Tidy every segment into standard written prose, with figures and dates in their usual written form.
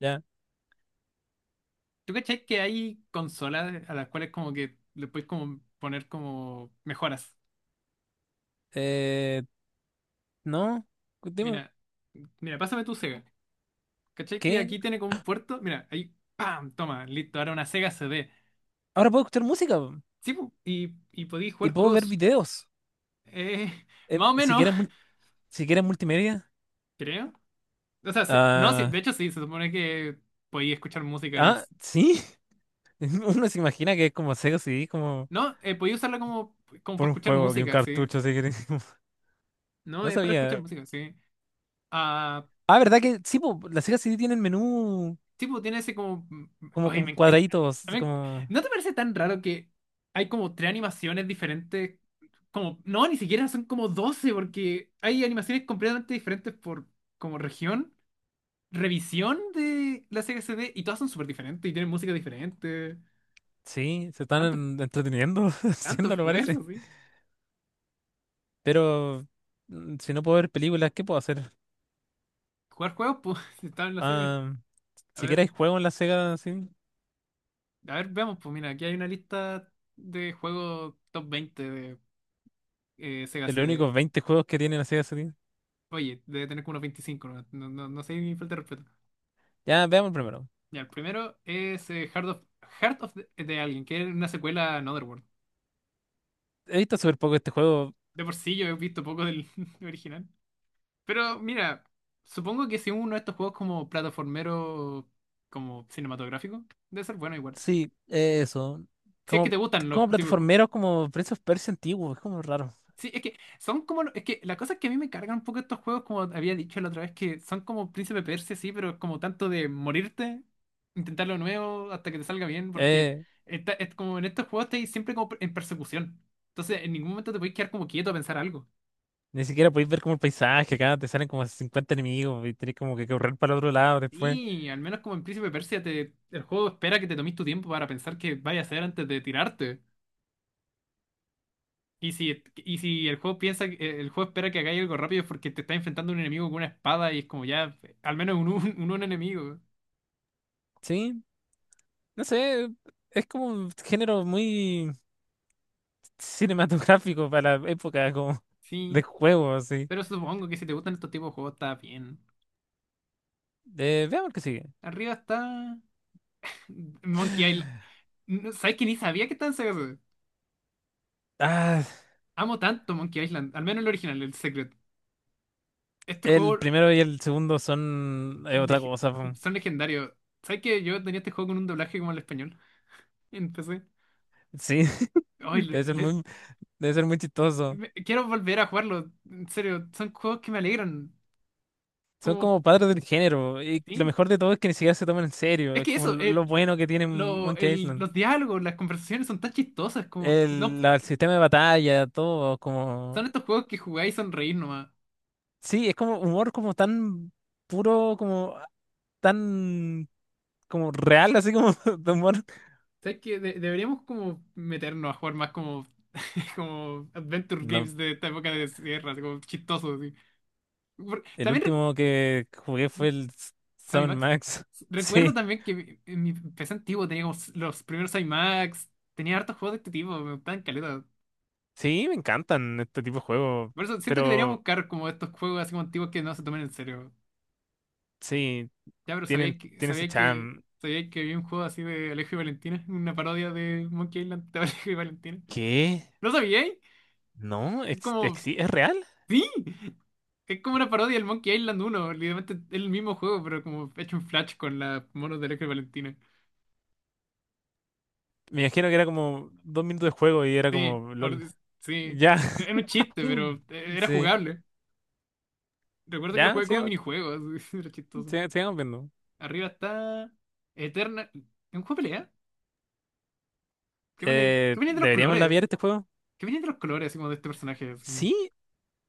Ya. ¿Tú cachai que hay consolas a las cuales como que le puedes como poner como mejoras? Eh, no. Dime, Mira, mira, pásame tu Sega. ¿Cachai que ¿qué? aquí tiene como un puerto? Mira, ahí, ¡pam! Toma, listo, ahora una Sega CD. Ahora puedo escuchar música po, Sí, pu, y podéis y jugar puedo ver juegos, videos. eh, más o Si menos, quieres, si quieres multimedia. creo. O sea, sí, no, sí, de Ah, hecho sí, se supone que podéis escuchar música en el. ah, sí. Uno se imagina que es como Sega CD, como No, podéis usarla como por para un escuchar juego y un música, sí. cartucho, si quieres. No, No es para escuchar sabía. música, sí. Ah. Ah, ¿verdad que sí? Po, la Sega CD tiene el menú Tipo, tiene ese como, como ay, con me encanta. cuadraditos. a mí- Como... ¿No te parece tan raro que hay como tres animaciones diferentes? Como. No, ni siquiera son como 12 porque hay animaciones completamente diferentes por como región, revisión de la Sega CD, y todas son súper diferentes y tienen música diferente. Sí, se están Tanto, entreteniendo tanto haciéndolo, parece. esfuerzo, sí. Pero si no puedo ver películas, ¿qué puedo hacer? Jugar juegos, pues, si estaba en la Sega. Ah, A si ver, quieres juego en la Sega, sí. a ver, veamos, pues mira, aquí hay una lista de juegos top 20 de Sega Es los CD. únicos 20 juegos que tiene la Sega Saturn. Oye, debe tener como unos 25. No, no, no, no sé, ni falta de respeto. Ya, veamos primero. Ya, el primero es Heart of de Alguien, que es una secuela a Another World. He visto súper poco este juego. De por sí yo he visto poco del original. Pero mira, supongo que si uno de estos juegos como plataformero, como cinematográfico, debe ser bueno igual. Sí, eso. Si es que te Como, gustan los como tipos. plataformero, como Prince of Persia antiguo. Es como raro. Sí, es que son como. Es que la cosa es que a mí me cargan un poco estos juegos, como había dicho la otra vez, que son como Príncipe Persia, sí, pero es como tanto de morirte, intentar lo nuevo hasta que te salga bien, porque Eh, está, es como en estos juegos estáis siempre como en persecución. Entonces, en ningún momento te podéis quedar como quieto a pensar algo. Ni siquiera podéis ver como el paisaje. Acá te salen como 50 enemigos y tenés como que correr para el otro lado después. Y al menos como en Príncipe Persia, el juego espera que te tomes tu tiempo para pensar qué vaya a hacer antes de tirarte. Y si el juego piensa, el juego espera que hagáis algo rápido es porque te está enfrentando a un enemigo con una espada y es como ya, al menos un enemigo. Sí, no sé. Es como un género muy cinematográfico para la época como de Sí, juego, así. pero supongo que si te gustan estos tipos de juegos está bien. Veamos qué sigue. Arriba está Monkey Island. No, ¿sabes que ni sabía que estaba en Sega CD? Ah, Amo tanto Monkey Island, al menos el original, el Secret. Este el juego primero y el segundo son otra lege- cosa po. son legendarios. ¿Sabes que yo tenía este juego con un doblaje como el español? Empecé. Sí, Ay, debe ser muy, debe ser muy chistoso. Quiero volver a jugarlo. En serio, son juegos que me alegran. Son Como, como padres del género. Y lo sí. mejor de todo es que ni siquiera se toman en serio. Es Es que como eso, lo bueno que tiene Monkey Island. los diálogos, las conversaciones son tan chistosas, como, no, El sistema de batalla, todo, como. son estos juegos que jugáis y sonreís nomás. Sí, es como humor como tan puro, como tan como real, así como de humor. ¿Sabes qué? Deberíamos como meternos a jugar más como, como adventure No, games de esta época de sierra, así como chistosos. Así. El También, último que jugué fue el Sammy Summon Max. Max. Sí, Recuerdo también que en mi PC antiguo teníamos los primeros Sammy Max, tenía hartos juegos de este tipo, me gustaban caleta. sí, me encantan este tipo de juegos. Por eso siento que deberíamos Pero buscar como estos juegos así como antiguos que no se tomen en serio. sí, Ya, pero tienen, sabía que, tienen su sabía que, charm. sabía que había un juego así de Alejo y Valentina, una parodia de Monkey Island de Alejo y Valentina. ¿Qué? ¿No sabía? No, Es como, ¿es real? sí. Es como una parodia del Monkey Island uno, literalmente es el mismo juego, pero como hecho en Flash con las monos de Electra y Valentina. Me imagino que era como 2 minutos de juego y era Sí, como ahora LOL. Sí. Ya. Era un chiste, pero era Sí. jugable. Recuerdo que lo Ya, jugué como sigamos, minijuego, así, era chistoso. Sigamos viendo. Arriba está Eterna. ¿Es un juego de pelea? ¿Qué viene, qué viene de los ¿Deberíamos colores? labiar este juego? ¿Qué viene de los colores, así como de este personaje, así? Sí.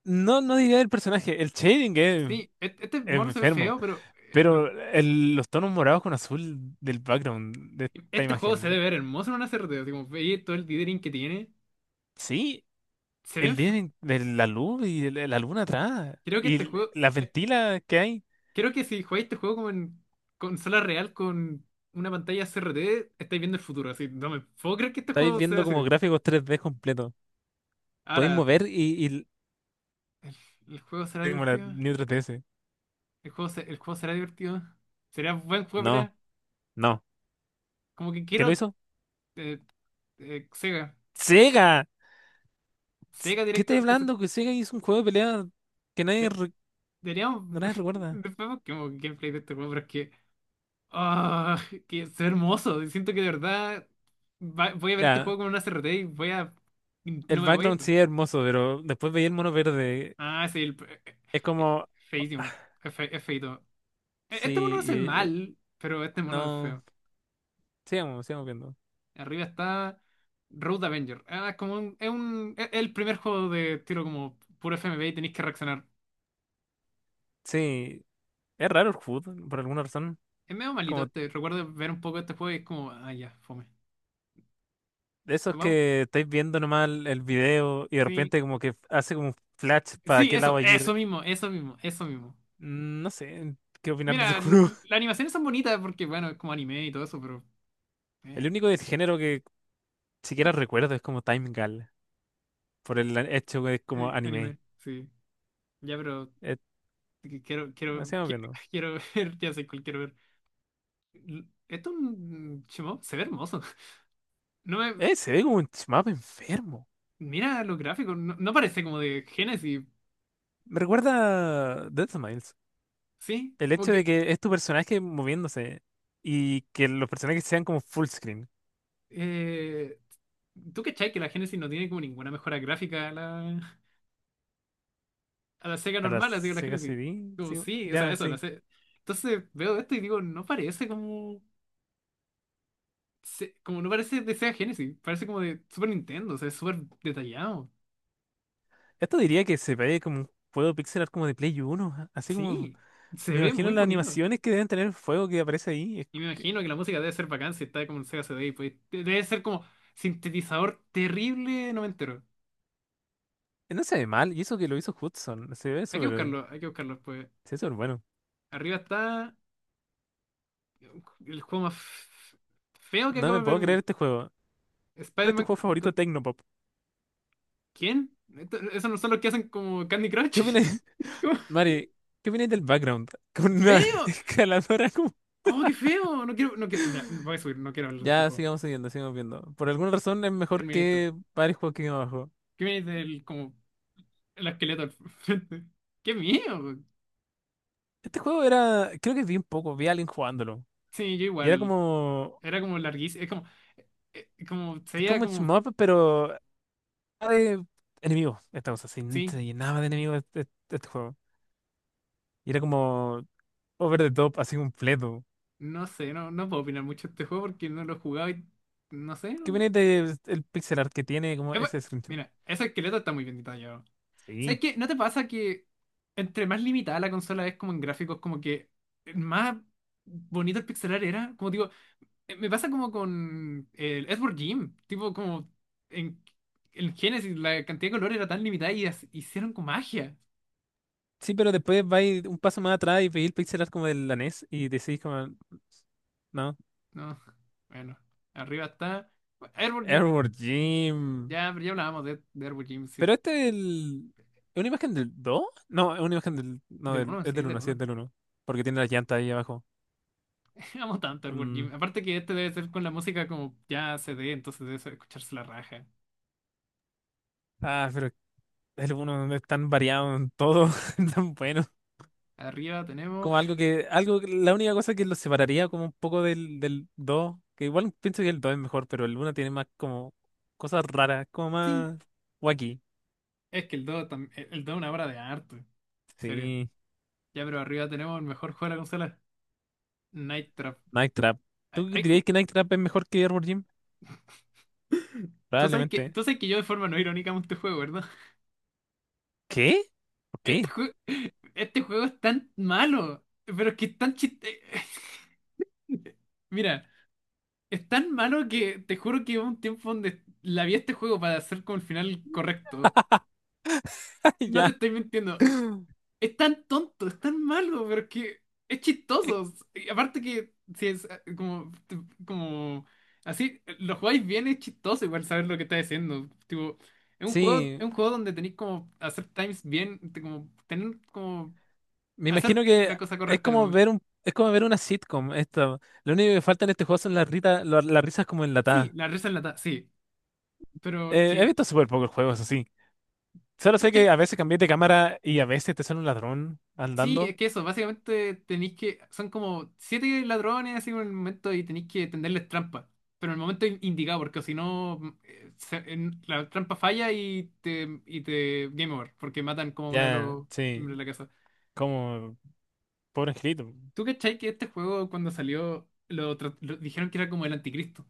No, no diría el personaje. El shading es, Sí, este es mono se ve enfermo. feo, pero Pero los tonos morados con azul del background de esta este juego se imagen. debe ver hermoso en una CRT, así como veis todo el dithering que tiene. Sí. Se El ve. día de la luz y la luna atrás. Creo que Y este juego. las ventilas que hay. Creo que si jugáis este juego como en consola real con una pantalla CRT, estáis viendo el futuro. Así, no me puedo creer que este Estáis juego sea viendo así. como gráficos 3D completos, podéis Ahora, mover y, ¿el, el juego será sí, como la divertido? New 3DS. ¿El juego será divertido? ¿Será buen juego de No, pelea? no. Como que ¿Quién lo quiero hizo? eh, Sega. ¡Sega! Sega ¿Qué estás directamente. Hablando? Que Sega hizo un juego de pelea que nadie, de- Deberíamos. no nadie recuerda. Después busquemos gameplay de este juego, pero es que. Ah, que es hermoso. Siento que de verdad voy a ver este Mira, juego con una CRT y voy a. el No me voy background a. sí es hermoso, pero después veía el mono verde. Ah, sí, el, Es eh, como. feísimo. Es feíto. Este mono Sí, no y, hace eh, mal, pero este mono es no. feo. Sigamos, sigamos viendo. Arriba está Road Avenger. Ah, es como un, es el primer juego de tiro como puro FMV y tenéis que reaccionar. Sí, es raro el HUD, por alguna razón. Es medio malito Como este. Recuerdo ver un poco este juego y es como, ah, ya, fome. de esos ¿Vamos? que estáis viendo nomás el video y de Sí. repente como que hace como un flash para Sí, qué lado eso, va a eso ir. mismo, eso mismo, eso mismo. No sé qué opinar de ese Mira, juego. Las animaciones son bonitas porque, bueno, es como anime y todo eso, pero. El eh, único del género que siquiera recuerdo, es como Time Gal, por el hecho que es como Anime, anime. sí. Ya, pero. Eh, Que Quiero, quiero, Sigamos quiero, viendo. quiero ver, ya sé cuál quiero ver. Esto es un shmup, se ve hermoso. No me, Se ve como un mapa enfermo. Mira los gráficos, no, no parece como de Genesis, Me recuerda a Death Smiles. ¿sí? El Como hecho de que, que es tu personaje moviéndose y que los personajes sean como full screen. eh, ¿tú cachai que la Genesis no tiene como ninguna mejora gráfica a la, Sega A la normal, así que la Sega Genesis? CD, Como sí, sí, o sea, ya, eso, sí. Entonces veo esto y digo, no parece como, como no parece de Sega Genesis, parece como de Super Nintendo, o sea, es súper detallado. Esto diría que se ve como un juego pixel art como de Play 1. Así como, Sí, se me ve imagino muy las bonito. animaciones que deben tener el fuego que aparece ahí. Es Y me que- imagino que la música debe ser bacán si está como en Sega CD. Pues, debe ser como sintetizador terrible noventero. no se ve mal, y eso que lo hizo Hudson. Hay que buscarlo pues. Se ve súper bueno. Arriba está el juego más feo que No acabo me de ver. puedo creer este juego. ¿Cuál es tu Spider-Man. juego favorito Tecnopop? ¿Quién? ¿Esos no son los que hacen como Candy ¿Qué Crush? opinas, ¿Cómo? Mari? ¿Qué opinas del background? Con una ¡Feo! escaladora como. ¡Oh, qué feo! No quiero, no quiero. Ya, voy a subir, no quiero hablar de este Ya, juego. sigamos siguiendo, sigamos viendo. Por alguna razón es mejor Terminator. que varios juegos que vimos abajo. ¿Qué me dice del como el esqueleto al frente? ¡Qué miedo! Este juego era. Creo que vi un poco, vi a alguien jugándolo. Sí, yo Y era igual. como. Era como larguísimo. Es como. Como se Es veía como un como. shmup, pero era de enemigos, esta cosa. Se Sí, se llenaba de enemigos este juego. Y era como. Over the top, así completo. no sé, no, no puedo opinar mucho de este juego porque no lo he jugado y no sé. ¿Qué opinas del pixel art que tiene como Es bu- ese screenshot? Mira, ese esqueleto está muy bien detallado. ¿Sabes Sí. qué? ¿No te pasa que entre más limitada la consola es como en gráficos, como que más bonito el pixelar era? Como digo, me pasa como con el Edward Jim, tipo como en el Genesis la cantidad de color era tan limitada y hicieron con magia. Sí, pero después vais un paso más atrás y veis el pixel art como del NES y decís como, no, No, bueno, arriba está Edward Jim. Edward Jim. Ya, pero ya hablábamos de Edward Jim, sí, Pero este es. ¿Es una imagen del dos? No, es una imagen del. No, del uno es sí, del del uno, sí, es uno. del uno. Porque tiene las llantas ahí abajo. Amo tanto el Mm, Wargame. Aparte que este debe ser con la música como ya CD, entonces debe ser escucharse la raja. Ah, pero el uno, no es tan variado en todo, es tan bueno. Arriba tenemos. Como la única cosa que lo separaría como un poco del 2, que igual pienso que el 2 es mejor, pero el uno tiene más como cosas raras, como Sí, más wacky. es que el 2 es una obra de arte. En serio. Sí. Ya, pero arriba tenemos el mejor juego de la consola, Night Trap. Night Trap. Hay- ¿Tú hay dirías ju- que Night Trap es mejor que Arbor Gym? Tú sabes que, Probablemente. tú sabes que yo de forma no irónica amo este juego, ¿verdad? ¿Qué? ¿Por Este, qué? jue- este juego es tan malo, pero es que es tan chiste. Mira, es tan malo que te juro que hubo un tiempo donde la vi a este juego para hacer como el final correcto. No te Ya. estoy mintiendo. Es tan tonto, es tan malo, pero es que es Eh, chistoso. Y aparte que si es como, como así, lo jugáis bien, es chistoso igual saber lo que está haciendo. Tipo, es un juego, es Sí, un juego donde tenéis como hacer times bien, como tener como me hacer imagino que la cosa correcta en el momento. Es como ver una sitcom. Esto. Lo único que falta en este juego son las risas como Sí, enlatadas. la risa enlatada, sí. Pero He que, visto súper pocos juegos así. Solo sé que a veces cambié de cámara y a veces te sale un ladrón sí, andando. es que eso, básicamente tenéis que. Son como siete ladrones así en el momento y tenéis que tenderles trampa. Pero en el momento indicado, porque si no, la trampa falla y te, y te. Game over, porque matan como a uno de Ya, los miembros sí. de la casa. Como, pobre angelito. ¿Tú cachai que este juego cuando salió dijeron que era como el anticristo?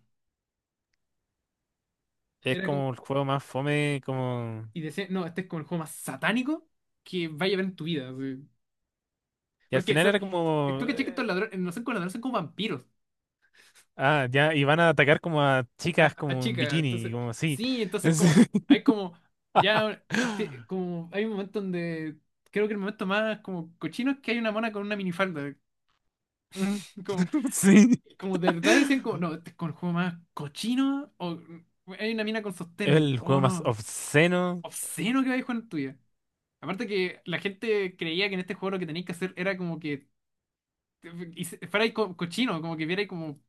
Es Era como. como el juego más fome, como. Y decían, no, este es como el juego más satánico que vaya a ver en tu vida. Así. Y al Porque final era tú como. cachai que estos ladrones no son como ladrones, son como vampiros. Ah, ya, y van a atacar como a a, chicas a como en chica. bikini, Entonces, como así. sí, entonces Es- como hay como ya como hay un momento donde creo que el momento más como cochino es que hay una mona con una minifalda. Mm, Como, Sí. como de verdad decían como, no, este es como el juego más cochino o hay una mina con Es sostén. el Oh, juego más no. obsceno. Obsceno que vais con tuya. Aparte que la gente creía que en este juego lo que tenéis que hacer era como que fuerais cochino, como que vierais como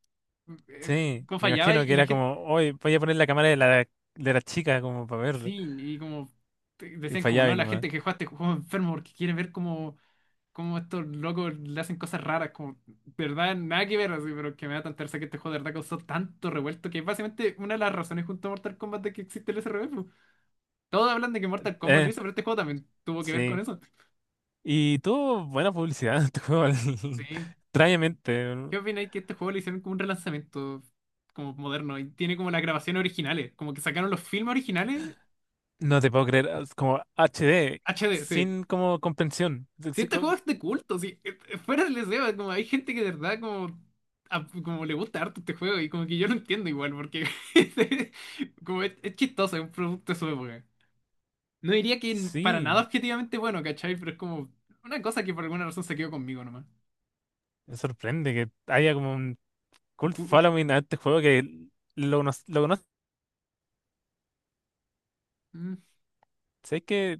eh, Sí, cómo me fallaba y, imagino que y la era gente. como, hoy voy a poner la cámara de la chica como para verlo. Sí, y como Y decían como fallaba no, y la nomás. gente que juega este juego es enfermo porque quiere ver cómo, cómo estos locos le hacen cosas raras, como de verdad, nada que ver así, pero que me da tanta risa que este juego de verdad causó tanto revuelto que es básicamente una de las razones junto a Mortal Kombat de que existe el SRB, po. Todos hablan de que Mortal Kombat lo Eh, hizo, pero este juego también tuvo que ver con sí. eso. Y tuvo buena publicidad, este juego, Sí. extrañamente. No ¿Qué opináis que este juego le hicieron como un relanzamiento como moderno y tiene como las grabaciones originales? Como que sacaron los filmes originales No te puedo creer, ah, es como HD, HD, sí. sin como comprensión. Si Sí, este juego es de culto, si fuera del deseo, como hay gente que de verdad como, como le gusta harto este juego y como que yo lo entiendo igual, porque como es chistoso, es un producto de su época. No diría que para nada sí, objetivamente bueno, ¿cachai? Pero es como una cosa que por alguna razón se quedó conmigo nomás. me sorprende que haya como un Cult Cu- Following a este juego que lo conoces. mm, Es que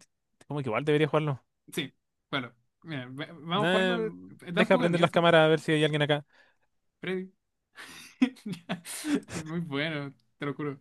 como que igual debería jugarlo. Sí, bueno, mira, vamos a Nah, jugarlo. Da un deja poco de prender miedo, las sí, cámaras a ver si hay alguien acá. Freddy. Es muy bueno, te lo juro.